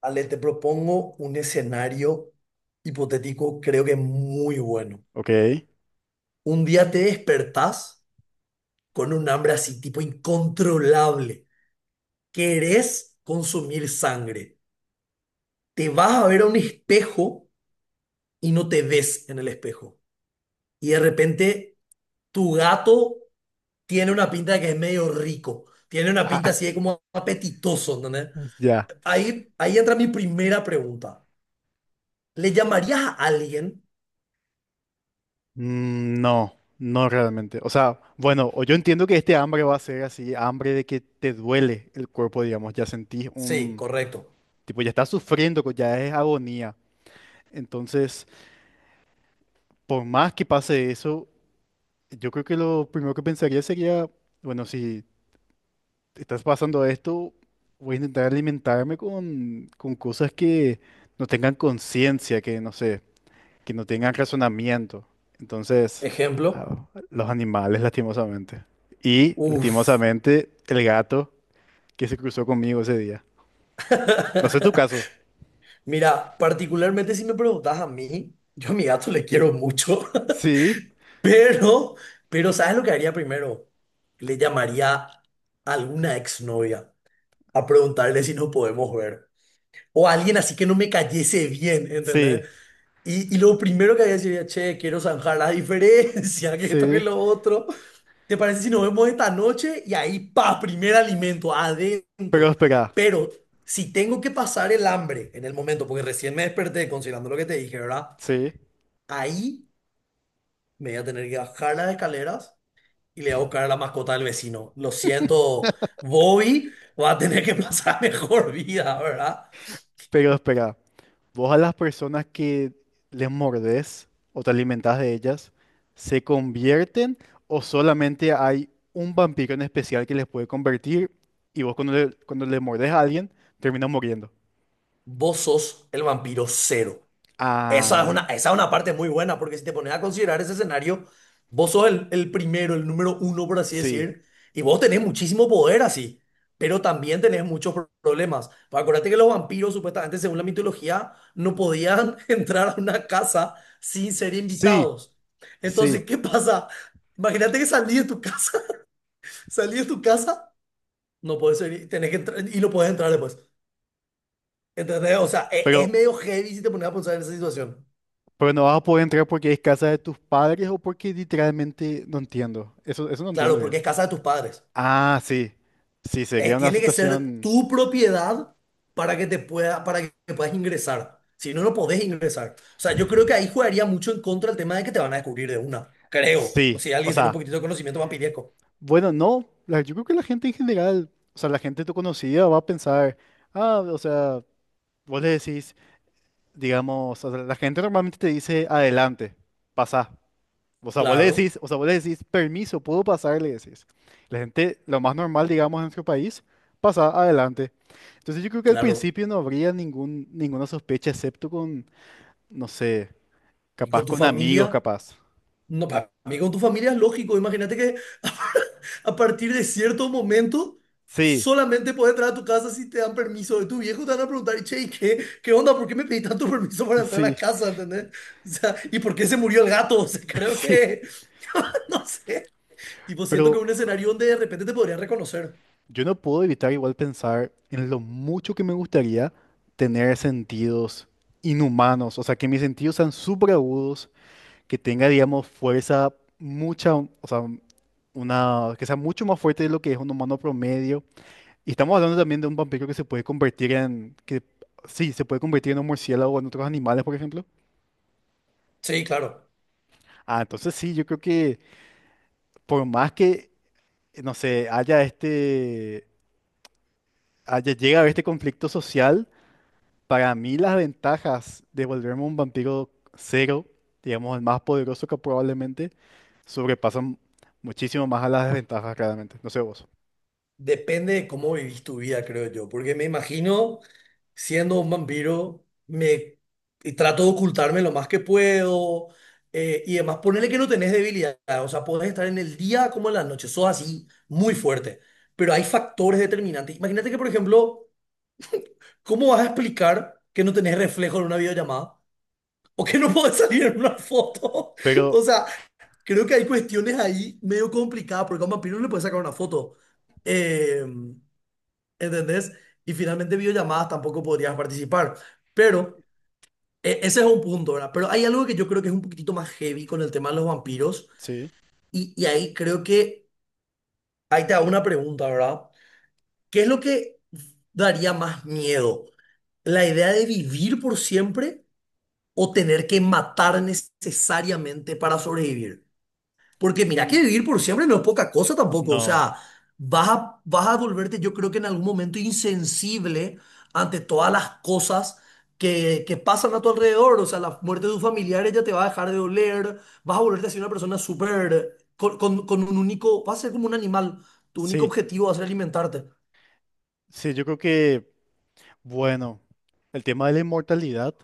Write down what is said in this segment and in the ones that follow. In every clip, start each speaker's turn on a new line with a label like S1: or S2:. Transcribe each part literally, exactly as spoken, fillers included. S1: Ale, te propongo un escenario hipotético, creo que muy bueno.
S2: Ok.
S1: Un día te despertás con un hambre así, tipo incontrolable. Querés consumir sangre. Te vas a ver a un espejo y no te ves en el espejo. Y de repente tu gato tiene una pinta de que es medio rico. Tiene una
S2: Ah,
S1: pinta así de como apetitoso, ¿entendés?
S2: ya.
S1: Ahí, ahí entra mi primera pregunta. ¿Le llamarías a alguien?
S2: Mm, No, no realmente. O sea, bueno, o yo entiendo que este hambre va a ser así, hambre de que te duele el cuerpo, digamos, ya sentís
S1: Sí,
S2: un,
S1: correcto.
S2: tipo, ya estás sufriendo, co- ya es agonía. Entonces, por más que pase eso, yo creo que lo primero que pensaría sería, bueno, si estás pasando esto, voy a intentar alimentarme con, con cosas que no tengan conciencia, que no sé. Que no tengan razonamiento. Entonces, a
S1: Ejemplo.
S2: los animales, lastimosamente. Y,
S1: Uf.
S2: lastimosamente, el gato que se cruzó conmigo ese día. No sé tu caso.
S1: Mira, particularmente si me preguntas a mí, yo a mi gato le quiero mucho,
S2: Sí,
S1: pero, pero ¿sabes lo que haría primero? Le llamaría a alguna exnovia a preguntarle si nos podemos ver. O a alguien así que no me cayese bien,
S2: sí,
S1: ¿entendés? Y, y lo primero que haría sería, che, quiero zanjar la diferencia, que esto que
S2: sí,
S1: lo otro. ¿Te parece si nos vemos esta noche? Y ahí, pa, primer alimento,
S2: pero
S1: adentro.
S2: espera,
S1: Pero si tengo que pasar el hambre en el momento, porque recién me desperté considerando lo que te dije, ¿verdad?
S2: sí,
S1: Ahí me voy a tener que bajar las escaleras y le voy a buscar a la mascota del vecino. Lo siento, Bobby va a tener que pasar mejor vida, ¿verdad?
S2: pero espera. Vos a las personas que les mordés o te alimentás de ellas, ¿se convierten o solamente hay un vampiro en especial que les puede convertir y vos cuando le, cuando le mordés a alguien, terminas muriendo?
S1: Vos sos el vampiro cero. Esa es
S2: Ah.
S1: una, esa es una parte muy buena, porque si te pones a considerar ese escenario, vos sos el, el primero, el número uno, por así
S2: Sí,
S1: decir, y vos tenés muchísimo poder así, pero también tenés muchos pro- problemas. Pues acuérdate que los vampiros, supuestamente, según la mitología, no podían entrar a una casa sin ser
S2: sí,
S1: invitados.
S2: sí,
S1: Entonces, ¿qué pasa? Imagínate que salí de tu casa, salí de tu casa, no puedes ser, tenés que entrar y no puedes entrar después. ¿Entendés? O sea, e- es
S2: pero,
S1: medio heavy si te pones a pensar en esa situación.
S2: pero no vas a poder entrar porque es casa de tus padres o porque literalmente no entiendo. Eso, eso no entiendo
S1: Claro,
S2: bien.
S1: porque es casa de tus padres.
S2: Ah, sí, sí,
S1: Eh,
S2: sería una
S1: tiene que ser
S2: situación,
S1: tu propiedad para que te pueda, para que puedas ingresar. Si no, no podés ingresar. O sea, yo creo que ahí jugaría mucho en contra el tema de que te van a descubrir de una. Creo.
S2: sí,
S1: Si
S2: o
S1: alguien tiene un
S2: sea,
S1: poquitito de conocimiento vampiriesco.
S2: bueno, no, la- yo creo que la gente en general, o sea, la gente tu conocida va a pensar, ah, o sea, vos le decís, digamos, o sea, la gente normalmente te dice, adelante, pasa. O sea, vos le
S1: Claro,
S2: decís, o sea, vos le decís, permiso, puedo pasar, le decís. La gente, lo más normal, digamos, en nuestro país, pasa adelante. Entonces yo creo que al
S1: claro.
S2: principio no habría ningún, ninguna sospecha, excepto con, no sé,
S1: ¿Y
S2: capaz
S1: con tu
S2: con amigos,
S1: familia?
S2: capaz.
S1: No, para mí con tu familia es lógico. Imagínate que a partir de cierto momento
S2: Sí,
S1: solamente puedes entrar a tu casa si te dan permiso de tu viejo. Te van a preguntar, che, ¿y ¿qué, qué onda? ¿Por qué me pedí tanto permiso para entrar a
S2: sí,
S1: casa? ¿Entendés? O sea, ¿y por qué se murió el gato? O sea, creo
S2: sí.
S1: que, no sé. Tipo, siento que
S2: Pero
S1: es un escenario donde de repente te podrían reconocer.
S2: yo no puedo evitar igual pensar en lo mucho que me gustaría tener sentidos inhumanos, o sea, que mis sentidos sean súper agudos, que tenga, digamos, fuerza mucha, o sea, una, que sea mucho más fuerte de lo que es un humano promedio. Y estamos hablando también de un vampiro que se puede convertir en, que sí, se puede convertir en un murciélago o en otros animales, por ejemplo.
S1: Sí, claro.
S2: Ah, entonces sí, yo creo que por más que, no sé, haya este, haya, llegue a haber este conflicto social, para mí las ventajas de volverme un vampiro cero, digamos, el más poderoso que probablemente, sobrepasan muchísimo más a las desventajas, claramente. No sé vos.
S1: Depende de cómo vivís tu vida, creo yo, porque me imagino siendo un vampiro, me y trato de ocultarme lo más que puedo eh, y además ponerle que no tenés debilidad, o sea, podés estar en el día como en la noche, sos así, muy fuerte, pero hay factores determinantes. Imagínate que, por ejemplo, ¿cómo vas a explicar que no tenés reflejo en una videollamada o que no podés salir en una foto? O
S2: Pero
S1: sea, creo que hay cuestiones ahí medio complicadas, porque a un vampiro no le puedes sacar una foto. Em, ¿Entendés? Y finalmente videollamadas tampoco podrías participar. Pero eh, ese es un punto, ¿verdad? Pero hay algo que yo creo que es un poquitito más heavy con el tema de los vampiros.
S2: sí,
S1: Y, y ahí creo que, ahí te hago una pregunta, ¿verdad? ¿Qué es lo que daría más miedo? ¿La idea de vivir por siempre o tener que matar necesariamente para sobrevivir? Porque mira
S2: mm,
S1: que vivir por siempre no es poca cosa tampoco. O
S2: no,
S1: sea, vas a, vas a volverte, yo creo que en algún momento insensible ante todas las cosas que, que pasan a tu alrededor. O sea, la muerte de tus familiares ya te va a dejar de doler. Vas a volverte así una persona súper, con, con, con un único, vas a ser como un animal. Tu único
S2: sí,
S1: objetivo va a ser alimentarte.
S2: sí, yo creo que, bueno, el tema de la inmortalidad,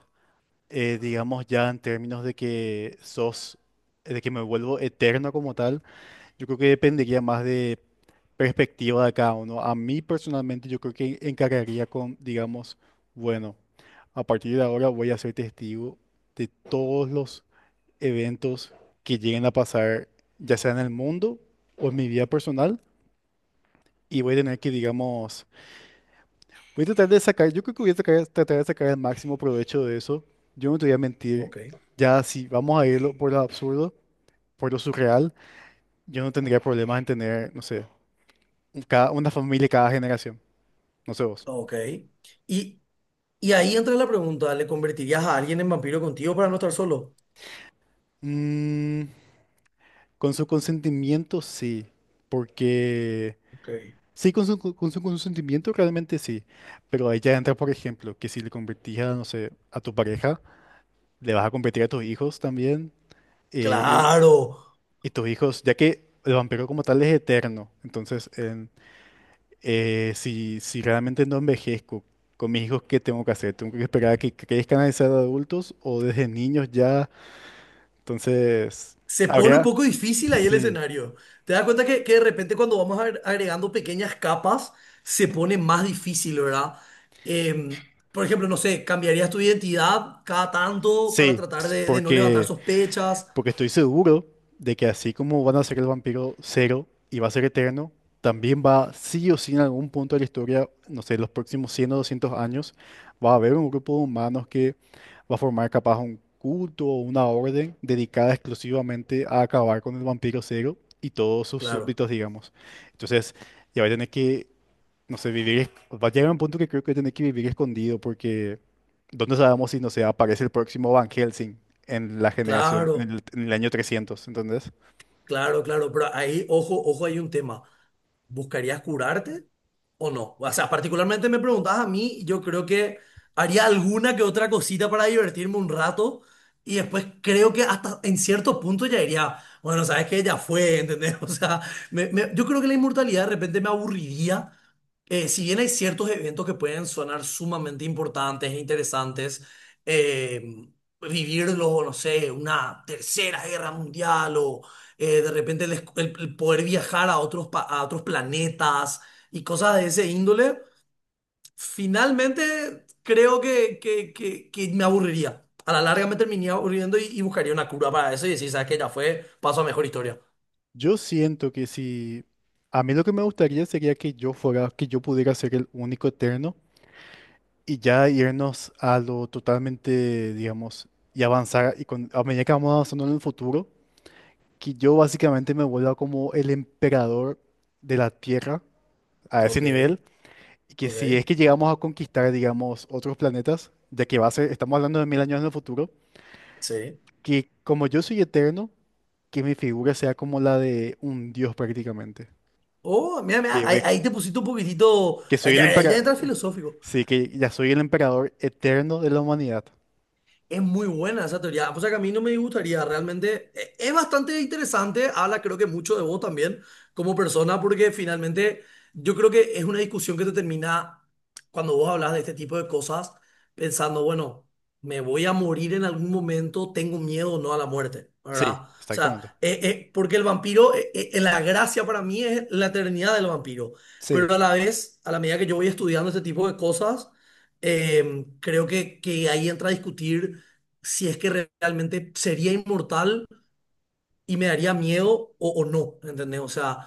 S2: eh, digamos ya en términos de que sos, eh, de que me vuelvo eterno como tal, yo creo que dependería más de perspectiva de cada uno. A mí personalmente yo creo que encargaría con, digamos, bueno, a partir de ahora voy a ser testigo de todos los eventos que lleguen a pasar, ya sea en el mundo o en mi vida personal y voy a tener que, digamos, voy a tratar de sacar, yo creo que voy a sacar- tratar de sacar el máximo provecho de eso. Yo no te voy a mentir,
S1: Ok.
S2: ya si vamos a irlo por lo absurdo, por lo surreal, yo no tendría problemas en tener, no sé, un- cada, una familia cada generación, no sé vos.
S1: Ok. Y, y ahí entra la pregunta, ¿le convertirías a alguien en vampiro contigo para no estar solo?
S2: Mm, con su consentimiento sí, porque
S1: Ok.
S2: sí, con su, con su consentimiento realmente sí, pero ahí ya entra, por ejemplo, que si le convertís a, no sé, a tu pareja, le vas a convertir a tus hijos también, eh,
S1: Claro.
S2: y tus hijos, ya que el vampiro como tal es eterno, entonces en- eh, si, si realmente no envejezco con mis hijos, ¿qué tengo que hacer? ¿Tengo que esperar a que crezcan a ser adultos o desde niños ya? Entonces,
S1: Se pone un
S2: habría,
S1: poco difícil ahí el
S2: sí,
S1: escenario. Te das cuenta que, que de repente cuando vamos agre- agregando pequeñas capas, se pone más difícil, ¿verdad? Eh, por ejemplo, no sé, ¿cambiarías tu identidad cada tanto para
S2: sí,
S1: tratar
S2: ps-
S1: de, de no levantar
S2: porque
S1: sospechas?
S2: Porque estoy seguro de que así como van a ser el vampiro cero y va a ser eterno, también va sí o sí en algún punto de la historia, no sé, los próximos cien o doscientos años, va a haber un grupo de humanos que va a formar capaz un culto o una orden dedicada exclusivamente a acabar con el vampiro cero y todos sus
S1: Claro,
S2: súbditos, digamos. Entonces, ya va a tener que, no sé, vivir, es- va a llegar un punto que creo que tener que vivir escondido porque ¿dónde sabemos si, no sé, aparece el próximo Van Helsing en la generación, en
S1: claro,
S2: el, en el año trescientos, ¿entendés?
S1: claro, claro, pero ahí, ojo, ojo, hay un tema. ¿Buscarías curarte o no? O sea, particularmente me preguntabas a mí, yo creo que haría alguna que otra cosita para divertirme un rato y después creo que hasta en cierto punto ya diría, bueno, sabes que ya fue, ¿entendés? O sea, me- me- yo creo que la inmortalidad de repente me aburriría eh, si bien hay ciertos eventos que pueden sonar sumamente importantes e interesantes, eh, vivirlo, no sé, una tercera guerra mundial o eh, de repente el, es- el- el poder viajar a otros, pa- a otros planetas y cosas de ese índole, finalmente creo que, que- que- que me aburriría. A la larga me terminaría aburriendo y, y buscaría una cura para eso y decir, ¿sabes qué? Ya fue, paso a mejor historia.
S2: Yo siento que si, a mí lo que me gustaría sería que yo fuera, que yo pudiera ser el único eterno y ya irnos a lo totalmente, digamos, y avanzar, y con, a medida que vamos avanzando en el futuro, que yo básicamente me vuelva como el emperador de la Tierra a ese
S1: Ok,
S2: nivel, que si es
S1: ok,
S2: que llegamos a conquistar, digamos, otros planetas, ya que va a ser, estamos hablando de mil años en el futuro,
S1: sí.
S2: que como yo soy eterno, que mi figura sea como la de un dios prácticamente.
S1: Oh, mira,
S2: Que,
S1: mira, ahí,
S2: voy-
S1: ahí te pusiste un poquitito,
S2: que
S1: ahí
S2: soy el
S1: ya, ahí ya entras
S2: emperador.
S1: filosófico.
S2: Sí, que ya soy el emperador eterno de la humanidad.
S1: Es muy buena esa teoría. O sea que a mí no me gustaría realmente. e- Es bastante interesante. Habla, creo que mucho de vos también como persona, porque finalmente yo creo que es una discusión que te termina cuando vos hablas de este tipo de cosas, pensando, bueno, me voy a morir en algún momento, tengo miedo o no a la muerte,
S2: Sí,
S1: ¿verdad? O
S2: exactamente.
S1: sea, eh, eh, porque el vampiro, eh, eh, la gracia para mí es la eternidad del vampiro.
S2: Sí,
S1: Pero a la vez, a la medida que yo voy estudiando este tipo de cosas, em, creo que, que ahí entra a discutir si es que realmente sería inmortal y me daría miedo o, o no, ¿entendés? O sea,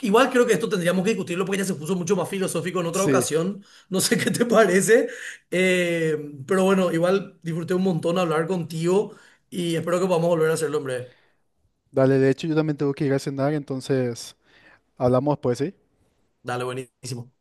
S1: igual creo que esto tendríamos que discutirlo porque ya se puso mucho más filosófico en otra
S2: sí.
S1: ocasión, no sé qué te parece, eh, pero bueno, igual disfruté un montón hablar contigo y espero que podamos volver a hacerlo, hombre.
S2: Dale, de hecho yo también tengo que ir a cenar, entonces hablamos después, ¿sí?
S1: Dale, buenísimo.